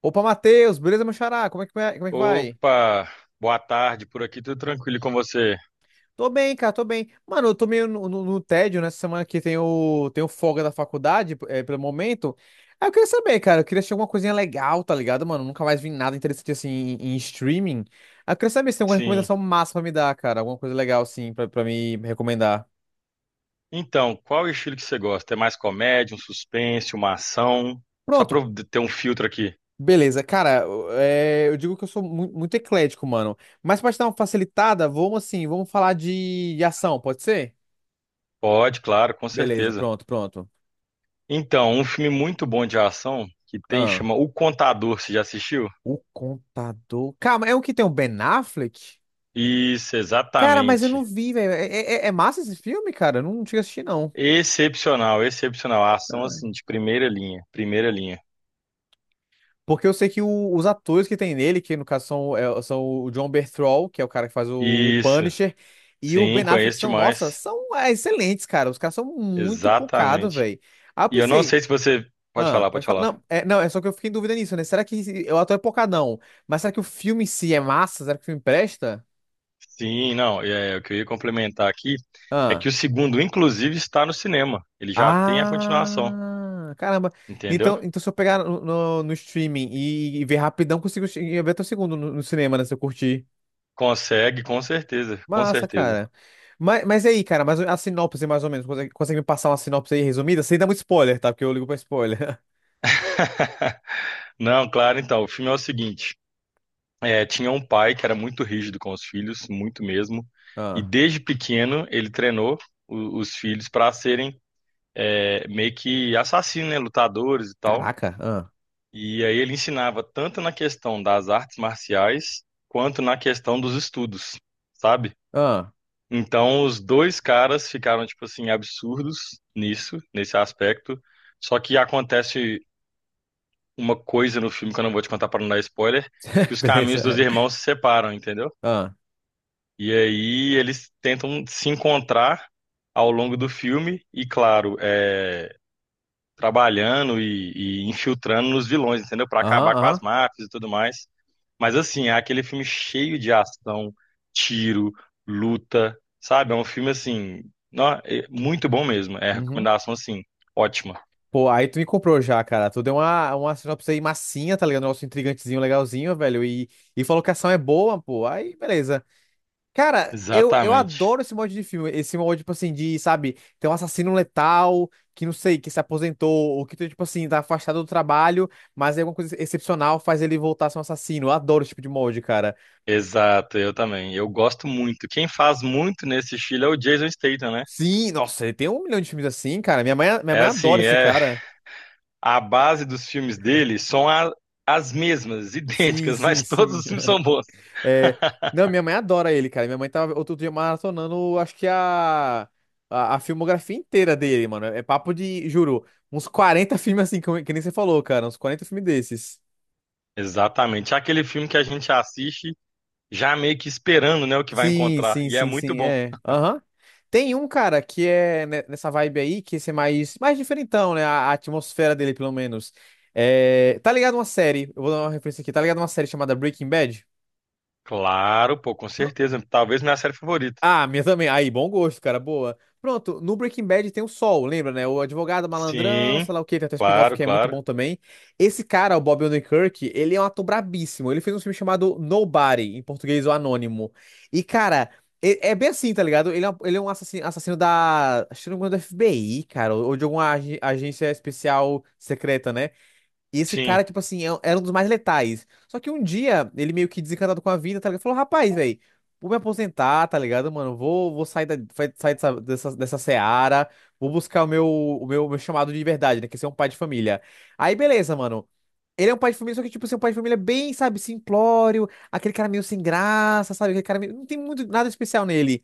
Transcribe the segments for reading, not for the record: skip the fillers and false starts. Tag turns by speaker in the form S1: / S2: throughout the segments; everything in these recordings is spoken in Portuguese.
S1: Opa, Matheus, beleza, meu xará? Como é que vai?
S2: Opa, boa tarde, por aqui tudo tranquilo e com você?
S1: Tô bem, cara, tô bem. Mano, eu tô meio no tédio nessa semana que tem o folga da faculdade, é, pelo momento. Aí eu queria saber, cara, eu queria assistir alguma coisinha legal, tá ligado, mano? Nunca mais vi nada interessante assim em streaming. Aí eu queria saber se tem alguma
S2: Sim.
S1: recomendação massa pra me dar, cara. Alguma coisa legal, assim, pra me recomendar.
S2: Então, qual o estilo que você gosta? É mais comédia, um suspense, uma ação? Só para
S1: Pronto,
S2: eu ter um filtro aqui.
S1: beleza. Cara, eu digo que eu sou muito eclético, mano. Mas pra te dar uma facilitada, vamos assim, vamos falar de ação, pode ser?
S2: Pode, claro, com
S1: Beleza,
S2: certeza.
S1: pronto, pronto.
S2: Então, um filme muito bom de ação que tem chama O Contador, você já assistiu?
S1: O Contador. Calma, é o que tem o Ben Affleck?
S2: Isso,
S1: Cara, mas eu não
S2: exatamente.
S1: vi, velho. É, é massa esse filme, cara? Eu não cheguei a assistir, não.
S2: Excepcional, excepcional. A ação
S1: Ah,
S2: assim de primeira linha, primeira linha.
S1: porque eu sei que os atores que tem nele, que no caso são, são o John Bertrand, que é o cara que faz o
S2: Isso.
S1: Punisher, e o
S2: Sim,
S1: Ben Affleck
S2: conheço
S1: são, nossa,
S2: demais.
S1: são excelentes, cara. Os caras são muito pocados,
S2: Exatamente.
S1: velho. Aí eu
S2: E eu não
S1: pensei,
S2: sei se você pode
S1: ah,
S2: falar, pode
S1: pode falar.
S2: falar.
S1: Não, é só que eu fiquei em dúvida nisso, né? Será que o ator é pocadão? Mas será que o filme em si é massa? Será que o filme presta?
S2: Sim, não, o que eu ia complementar aqui é
S1: Ah.
S2: que o segundo, inclusive, está no cinema. Ele já tem a continuação,
S1: Ah, caramba.
S2: entendeu?
S1: Então, então se eu pegar no streaming e ver rapidão, consigo ver até o segundo no cinema, né? Se eu curtir.
S2: Consegue, com certeza, com
S1: Massa,
S2: certeza.
S1: cara. Mas e aí, cara, mas a sinopse, mais ou menos, consegue, consegue me passar uma sinopse aí resumida? Sem dar muito spoiler, tá? Porque eu ligo pra spoiler.
S2: Não, claro, então, o filme é o seguinte: tinha um pai que era muito rígido com os filhos, muito mesmo, e
S1: Ah,
S2: desde pequeno ele treinou os filhos para serem meio que assassinos, né, lutadores e tal.
S1: caraca. Ah,
S2: E aí ele ensinava tanto na questão das artes marciais quanto na questão dos estudos, sabe?
S1: ah.
S2: Então, os dois caras ficaram, tipo assim, absurdos nisso, nesse aspecto. Só que acontece uma coisa no filme que eu não vou te contar para não dar spoiler, que os caminhos dos
S1: Beleza.
S2: irmãos se separam, entendeu?
S1: Ah,
S2: E aí eles tentam se encontrar ao longo do filme, e claro, é, trabalhando e infiltrando nos vilões, entendeu? Para
S1: aham,
S2: acabar com as
S1: aham.
S2: máfias e tudo mais. Mas assim, é aquele filme cheio de ação, tiro, luta, sabe? É um filme assim, é muito bom mesmo. É
S1: Uhum.
S2: recomendação assim, ótima.
S1: Pô, aí tu me comprou já, cara. Tu deu uma sinopse aí massinha, tá ligado? Um negócio intrigantezinho, legalzinho, velho. E falou que a ação é boa, pô. Aí, beleza. Cara, eu
S2: Exatamente.
S1: adoro esse mod de filme. Esse mod, tipo assim, de, sabe, tem um assassino letal, que não sei, que se aposentou, ou que, tipo assim, tá afastado do trabalho, mas aí alguma coisa excepcional faz ele voltar a ser um assassino. Eu adoro esse tipo de mod, cara.
S2: Exato, eu também. Eu gosto muito. Quem faz muito nesse estilo é o Jason Statham, né?
S1: Sim, nossa, ele tem um milhão de filmes assim, cara. Minha mãe, minha
S2: É
S1: mãe
S2: assim,
S1: adora esse
S2: é
S1: cara.
S2: a base dos filmes dele são as mesmas,
S1: Sim,
S2: idênticas,
S1: sim,
S2: mas todos
S1: sim.
S2: os filmes são bons.
S1: É, não, minha mãe adora ele, cara. Minha mãe tava outro dia maratonando, acho que a filmografia inteira dele, mano. É papo de, juro, uns 40 filmes assim, que nem você falou, cara. Uns 40 filmes desses.
S2: Exatamente. É aquele filme que a gente assiste já meio que esperando, né, o que vai
S1: Sim,
S2: encontrar.
S1: sim,
S2: E é
S1: sim,
S2: muito
S1: sim,
S2: bom.
S1: é. Aham. Tem um, cara, que é nessa vibe aí, que esse é mais, mais diferentão, né? A atmosfera dele, pelo menos. É, tá ligado uma série, eu vou dar uma referência aqui, tá ligado uma série chamada Breaking Bad?
S2: Claro, pô, com certeza. Talvez minha série favorita.
S1: Ah, minha também. Aí, bom gosto, cara. Boa. Pronto, no Breaking Bad tem o Sol, lembra, né? O advogado malandrão,
S2: Sim,
S1: sei lá o quê, tem até o spin-off
S2: claro,
S1: que é muito
S2: claro.
S1: bom também. Esse cara, o Bob Odenkirk, ele é um ator brabíssimo. Ele fez um filme chamado Nobody, em português, o Anônimo. E, cara, é, é bem assim, tá ligado? Ele é um assassino, assassino da. Acho que não me engano, da FBI, cara, ou de alguma agência especial secreta, né? E esse
S2: Sim,
S1: cara, tipo assim, era um dos mais letais. Só que um dia, ele meio que desencantado com a vida, tá ligado? Falou, rapaz, velho, vou me aposentar, tá ligado, mano? Vou sair, sair dessa, dessa seara, vou buscar o meu, meu chamado de verdade, né? Que é ser um pai de família. Aí, beleza, mano. Ele é um pai de família, só que, tipo, assim, é um pai de família bem, sabe, simplório, aquele cara meio sem graça, sabe? Aquele cara meio, não tem muito nada especial nele.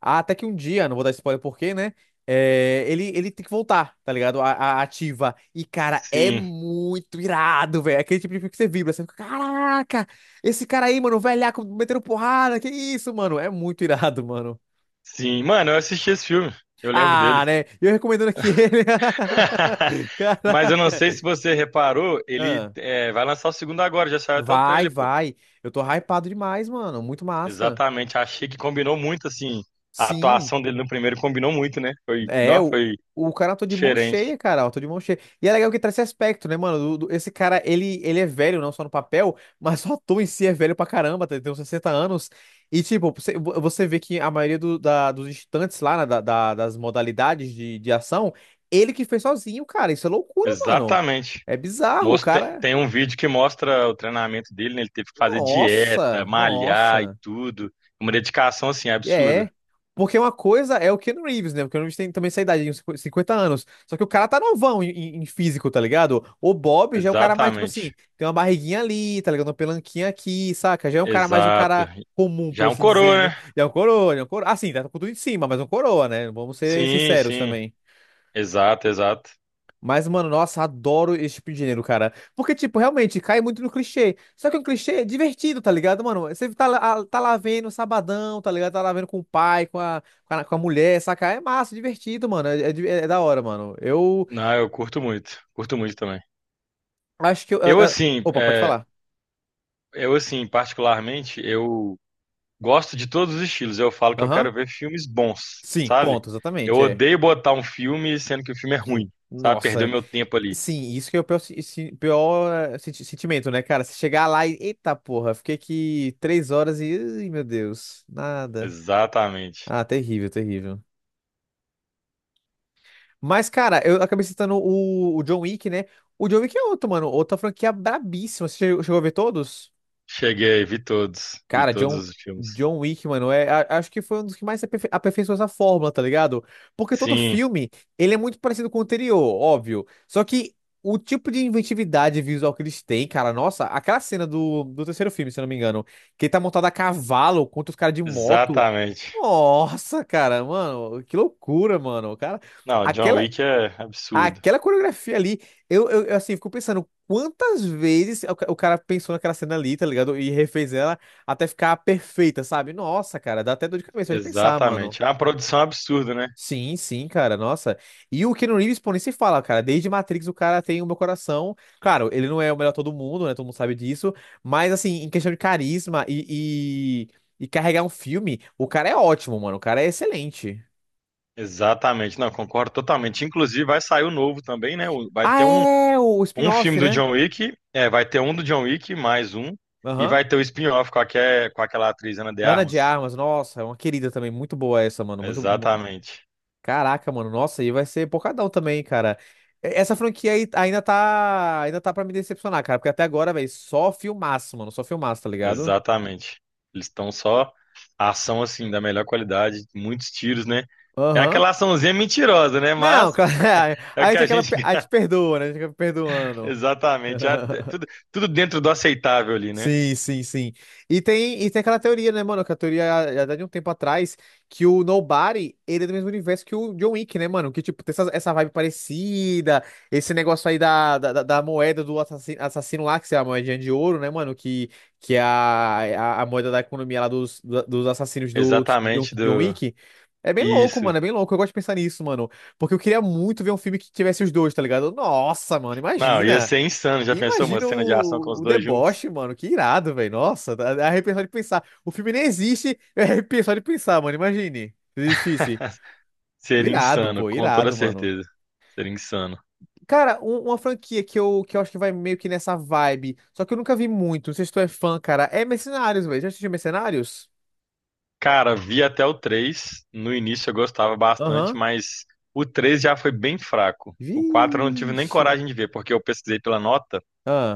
S1: Ah, até que um dia, não vou dar spoiler porque, né? É, ele tem que voltar, tá ligado? A ativa. E, cara, é
S2: sim,
S1: muito irado, velho. Aquele tipo de filme que você vibra. Você fica, caraca, esse cara aí, mano, velhaco, metendo porrada. Que isso, mano? É muito irado, mano.
S2: sim. Mano, eu assisti esse filme. Eu lembro
S1: Ah,
S2: dele.
S1: né? E eu recomendando aqui ele.
S2: Mas eu não sei
S1: Caraca.
S2: se você reparou, ele
S1: Ah,
S2: é, vai lançar o segundo agora, já saiu até o
S1: vai,
S2: trailer, pô.
S1: vai. Eu tô hypado demais, mano. Muito massa.
S2: Exatamente, achei que combinou muito, assim, a
S1: Sim.
S2: atuação dele no primeiro combinou muito, né? Foi,
S1: É,
S2: não, foi
S1: o cara tô de mão cheia,
S2: diferente.
S1: cara. Eu tô de mão cheia. E é legal que traz esse aspecto, né, mano? Esse cara, ele é velho, não só no papel, mas só o ator em si é velho pra caramba, tá? Ele tem uns 60 anos. E, tipo, você, você vê que a maioria dos instantes lá, né, das modalidades de ação, ele que fez sozinho, cara. Isso é loucura, mano.
S2: Exatamente.
S1: É bizarro, o
S2: Mostra,
S1: cara.
S2: tem um vídeo que mostra o treinamento dele, né? Ele teve que fazer dieta,
S1: Nossa,
S2: malhar e
S1: nossa.
S2: tudo. Uma dedicação, assim, absurda.
S1: É. Porque uma coisa é o Keanu Reeves, né? O Keanu Reeves tem também essa idade, uns 50 anos. Só que o cara tá novão em físico, tá ligado? O Bob já é o cara mais, tipo
S2: Exatamente.
S1: assim, tem uma barriguinha ali, tá ligado? Uma pelanquinha aqui, saca? Já é um cara mais um
S2: Exato.
S1: cara comum,
S2: Já
S1: por
S2: é um
S1: assim dizer, né?
S2: coroa, né?
S1: Ele é um coroa, ele é um coroa. Assim, tá com tudo em cima, mas é um coroa, né? Vamos ser
S2: Sim,
S1: sinceros
S2: sim.
S1: também.
S2: Exato, exato.
S1: Mas, mano, nossa, adoro esse tipo de gênero, cara. Porque, tipo, realmente cai muito no clichê. Só que é um clichê divertido, tá ligado, mano? Você tá lá vendo sabadão, tá ligado? Tá lá vendo com o pai, com a mulher, saca? É massa, divertido, mano. É da hora, mano. Eu
S2: Não, eu curto muito. Curto muito também.
S1: acho que eu.
S2: Eu, assim,
S1: Opa, pode
S2: é,
S1: falar.
S2: eu, assim, particularmente, eu gosto de todos os estilos. Eu falo que eu
S1: Aham.
S2: quero ver filmes bons,
S1: Sim,
S2: sabe?
S1: ponto,
S2: Eu
S1: exatamente, é.
S2: odeio botar um filme sendo que o filme é
S1: Sim.
S2: ruim, sabe? Perder o
S1: Nossa,
S2: meu tempo ali.
S1: sim, isso que é o pior, pior, eh, sentimento, né, cara? Você chegar lá e, eita porra, fiquei aqui três horas e, ai, meu Deus, nada.
S2: Exatamente.
S1: Ah, terrível, terrível. Mas, cara, eu acabei citando o John Wick, né? O John Wick é outro, mano. Outra franquia brabíssima. Você chegou a ver todos?
S2: Cheguei, vi
S1: Cara,
S2: todos
S1: John,
S2: os filmes.
S1: John Wick, mano, é, acho que foi um dos que mais aperfeiçoou essa fórmula, tá ligado? Porque todo
S2: Sim,
S1: filme, ele é muito parecido com o anterior, óbvio. Só que o tipo de inventividade visual que eles têm, cara, nossa, aquela cena do terceiro filme, se eu não me engano, que ele tá montado a cavalo contra os caras de moto.
S2: exatamente.
S1: Nossa, cara, mano, que loucura, mano. Cara,
S2: Não, John
S1: aquela,
S2: Wick é absurdo.
S1: aquela coreografia ali, eu assim, fico pensando quantas vezes o, o cara pensou naquela cena ali, tá ligado? E refez ela até ficar perfeita, sabe? Nossa, cara, dá até dor de cabeça de pensar, mano.
S2: Exatamente. É uma produção absurda, né?
S1: Sim, sim, cara, nossa. E o Keanu Reeves, pô, nem se fala, cara. Desde Matrix o cara tem o meu coração. Claro, ele não é o melhor todo mundo, né? Todo mundo sabe disso. Mas, assim, em questão de carisma e carregar um filme, o cara é ótimo, mano. O cara é excelente.
S2: Exatamente. Não, concordo totalmente. Inclusive, vai sair o novo também, né? Vai
S1: Ah,
S2: ter um,
S1: é o
S2: um filme
S1: spin-off,
S2: do
S1: né?
S2: John Wick, vai ter um do John Wick, mais um, e
S1: Aham.
S2: vai ter o spin-off com aquela atriz Ana de
S1: Ana de
S2: Armas.
S1: Armas, nossa, é uma querida também, muito boa essa, mano, muito,
S2: Exatamente.
S1: caraca, mano, nossa, e vai ser porcadão também, cara. Essa franquia aí ainda tá pra me decepcionar, cara, porque até agora, velho, só filmaço, mano, só filmaço, tá ligado?
S2: Exatamente. Eles estão só ação assim da melhor qualidade, muitos tiros, né? É
S1: Aham.
S2: aquela açãozinha mentirosa, né? Mas
S1: Não, cara,
S2: é
S1: a
S2: o que
S1: gente
S2: a
S1: acaba,
S2: gente.
S1: a gente perdoa, né, a gente acaba perdoando.
S2: Exatamente. Ah, tudo, tudo dentro do aceitável ali, né?
S1: Sim, sim, sim. E tem aquela teoria, né, mano? Que a teoria já dá de um tempo atrás que o Nobody, ele é do mesmo universo que o John Wick, né, mano? Que, tipo, tem essa, essa vibe parecida, esse negócio aí da moeda do assassino, assassino lá, que é a moedinha de ouro, né, mano? Que é a moeda da economia lá dos assassinos do John,
S2: Exatamente
S1: John
S2: do.
S1: Wick. É bem louco,
S2: Isso.
S1: mano, é bem louco. Eu gosto de pensar nisso, mano. Porque eu queria muito ver um filme que tivesse os dois, tá ligado? Nossa, mano,
S2: Não, ia
S1: imagina.
S2: ser insano. Já
S1: E
S2: pensou uma
S1: imagina
S2: cena de ação com os
S1: o
S2: dois juntos?
S1: deboche, mano. Que irado, velho. Nossa, dá dá arrepiar só de pensar. O filme nem existe, eu arrepio só de pensar, mano. Imagine se existisse.
S2: Seria
S1: Irado,
S2: insano,
S1: pô,
S2: com toda
S1: irado, mano.
S2: certeza. Seria insano.
S1: Cara, uma franquia que que eu acho que vai meio que nessa vibe, só que eu nunca vi muito, não sei se tu é fã, cara, é Mercenários, velho. Já assistiu Mercenários?
S2: Cara, vi até o três. No início eu gostava bastante,
S1: Aham.
S2: mas o três já foi bem fraco. O 4 eu não tive nem
S1: Vixe.
S2: coragem de ver, porque eu pesquisei pela nota.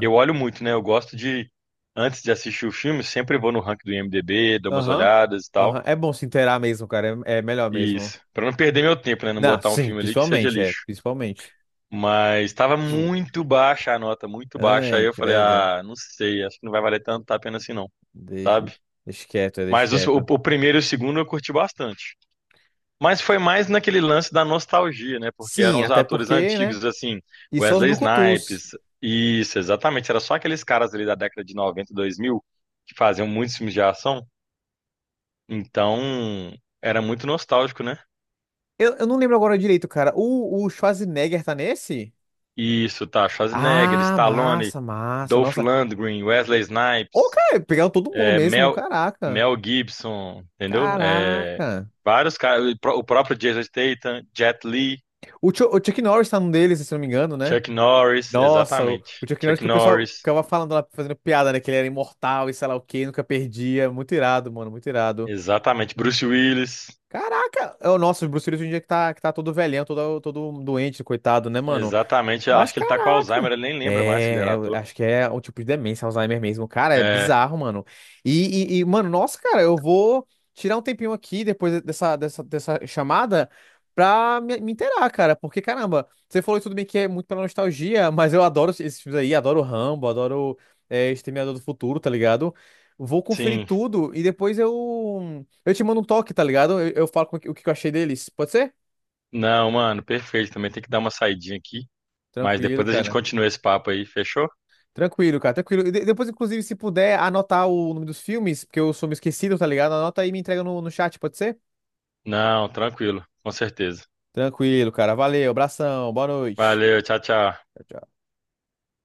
S2: Eu olho muito, né? Eu gosto de, antes de assistir o filme, sempre vou no ranking do IMDb, dou umas
S1: aham.
S2: olhadas e tal.
S1: Aham. É bom se inteirar mesmo, cara. É, é melhor mesmo.
S2: Isso. Pra não perder meu tempo, né? Não
S1: Não,
S2: botar um
S1: sim,
S2: filme ali que seja
S1: principalmente, é,
S2: lixo.
S1: principalmente.
S2: Mas tava
S1: Sim.
S2: muito baixa a nota, muito baixa. Aí
S1: Ai,
S2: eu falei,
S1: credo.
S2: ah, não sei, acho que não vai valer tanto a pena assim não,
S1: Deixa,
S2: sabe?
S1: deixa quieto, é, deixa
S2: Mas os- o,
S1: quieto.
S2: o primeiro e o segundo eu curti bastante. Mas foi mais naquele lance da nostalgia, né? Porque eram
S1: Sim,
S2: os
S1: até
S2: atores
S1: porque, né?
S2: antigos, assim,
S1: E só os
S2: Wesley
S1: brucutus.
S2: Snipes. Isso, exatamente. Era só aqueles caras ali da década de 90, 2000, que faziam muitos filmes de ação. Então, era muito nostálgico, né?
S1: Eu não lembro agora direito, cara. O Schwarzenegger tá nesse?
S2: Isso, tá. Schwarzenegger,
S1: Ah,
S2: Stallone,
S1: massa, massa.
S2: Dolph
S1: Nossa.
S2: Lundgren, Wesley
S1: Ô,
S2: Snipes,
S1: cara, pegaram todo mundo
S2: é,
S1: mesmo.
S2: Mel,
S1: Caraca.
S2: Mel Gibson, entendeu? É,
S1: Caraca.
S2: vários caras, o próprio Jason Statham, Jet Li,
S1: O, o Chuck Norris tá num deles, se eu não me engano, né?
S2: Chuck Norris,
S1: Nossa,
S2: exatamente.
S1: o Chuck Norris
S2: Chuck
S1: que o pessoal
S2: Norris,
S1: ficava falando lá, fazendo piada, né? Que ele era imortal e sei lá o quê, nunca perdia. Muito irado, mano, muito irado.
S2: exatamente. Bruce Willis,
S1: Caraca! É o nosso Bruce Willis hoje em dia que tá todo velhão, todo, todo doente, coitado, né, mano?
S2: exatamente. Eu
S1: Mas
S2: acho que ele tá com Alzheimer,
S1: caraca.
S2: ele nem lembra mais que ele
S1: É,
S2: era
S1: eu
S2: ator.
S1: acho que é o tipo de demência, Alzheimer mesmo. Cara, é
S2: É,
S1: bizarro, mano. Mano, nossa, cara, eu vou tirar um tempinho aqui depois dessa, dessa chamada pra me inteirar, cara. Porque, caramba, você falou tudo bem que é muito pela nostalgia, mas eu adoro esses filmes aí, adoro Rambo, adoro Exterminador do Futuro, tá ligado? Vou conferir
S2: sim.
S1: tudo e depois eu te mando um toque, tá ligado? Eu falo o que eu achei deles. Pode ser?
S2: Não, mano, perfeito. Também tem que dar uma saidinha aqui. Mas
S1: Tranquilo,
S2: depois a gente
S1: cara.
S2: continua esse papo aí, fechou?
S1: Tranquilo, cara, tranquilo. E depois, inclusive, se puder anotar o nome dos filmes, porque eu sou meio esquecido, tá ligado? Anota aí e me entrega no chat, pode ser?
S2: Não, tranquilo, com certeza.
S1: Tranquilo, cara. Valeu, abração, boa noite.
S2: Valeu, tchau, tchau.
S1: Tchau, tchau.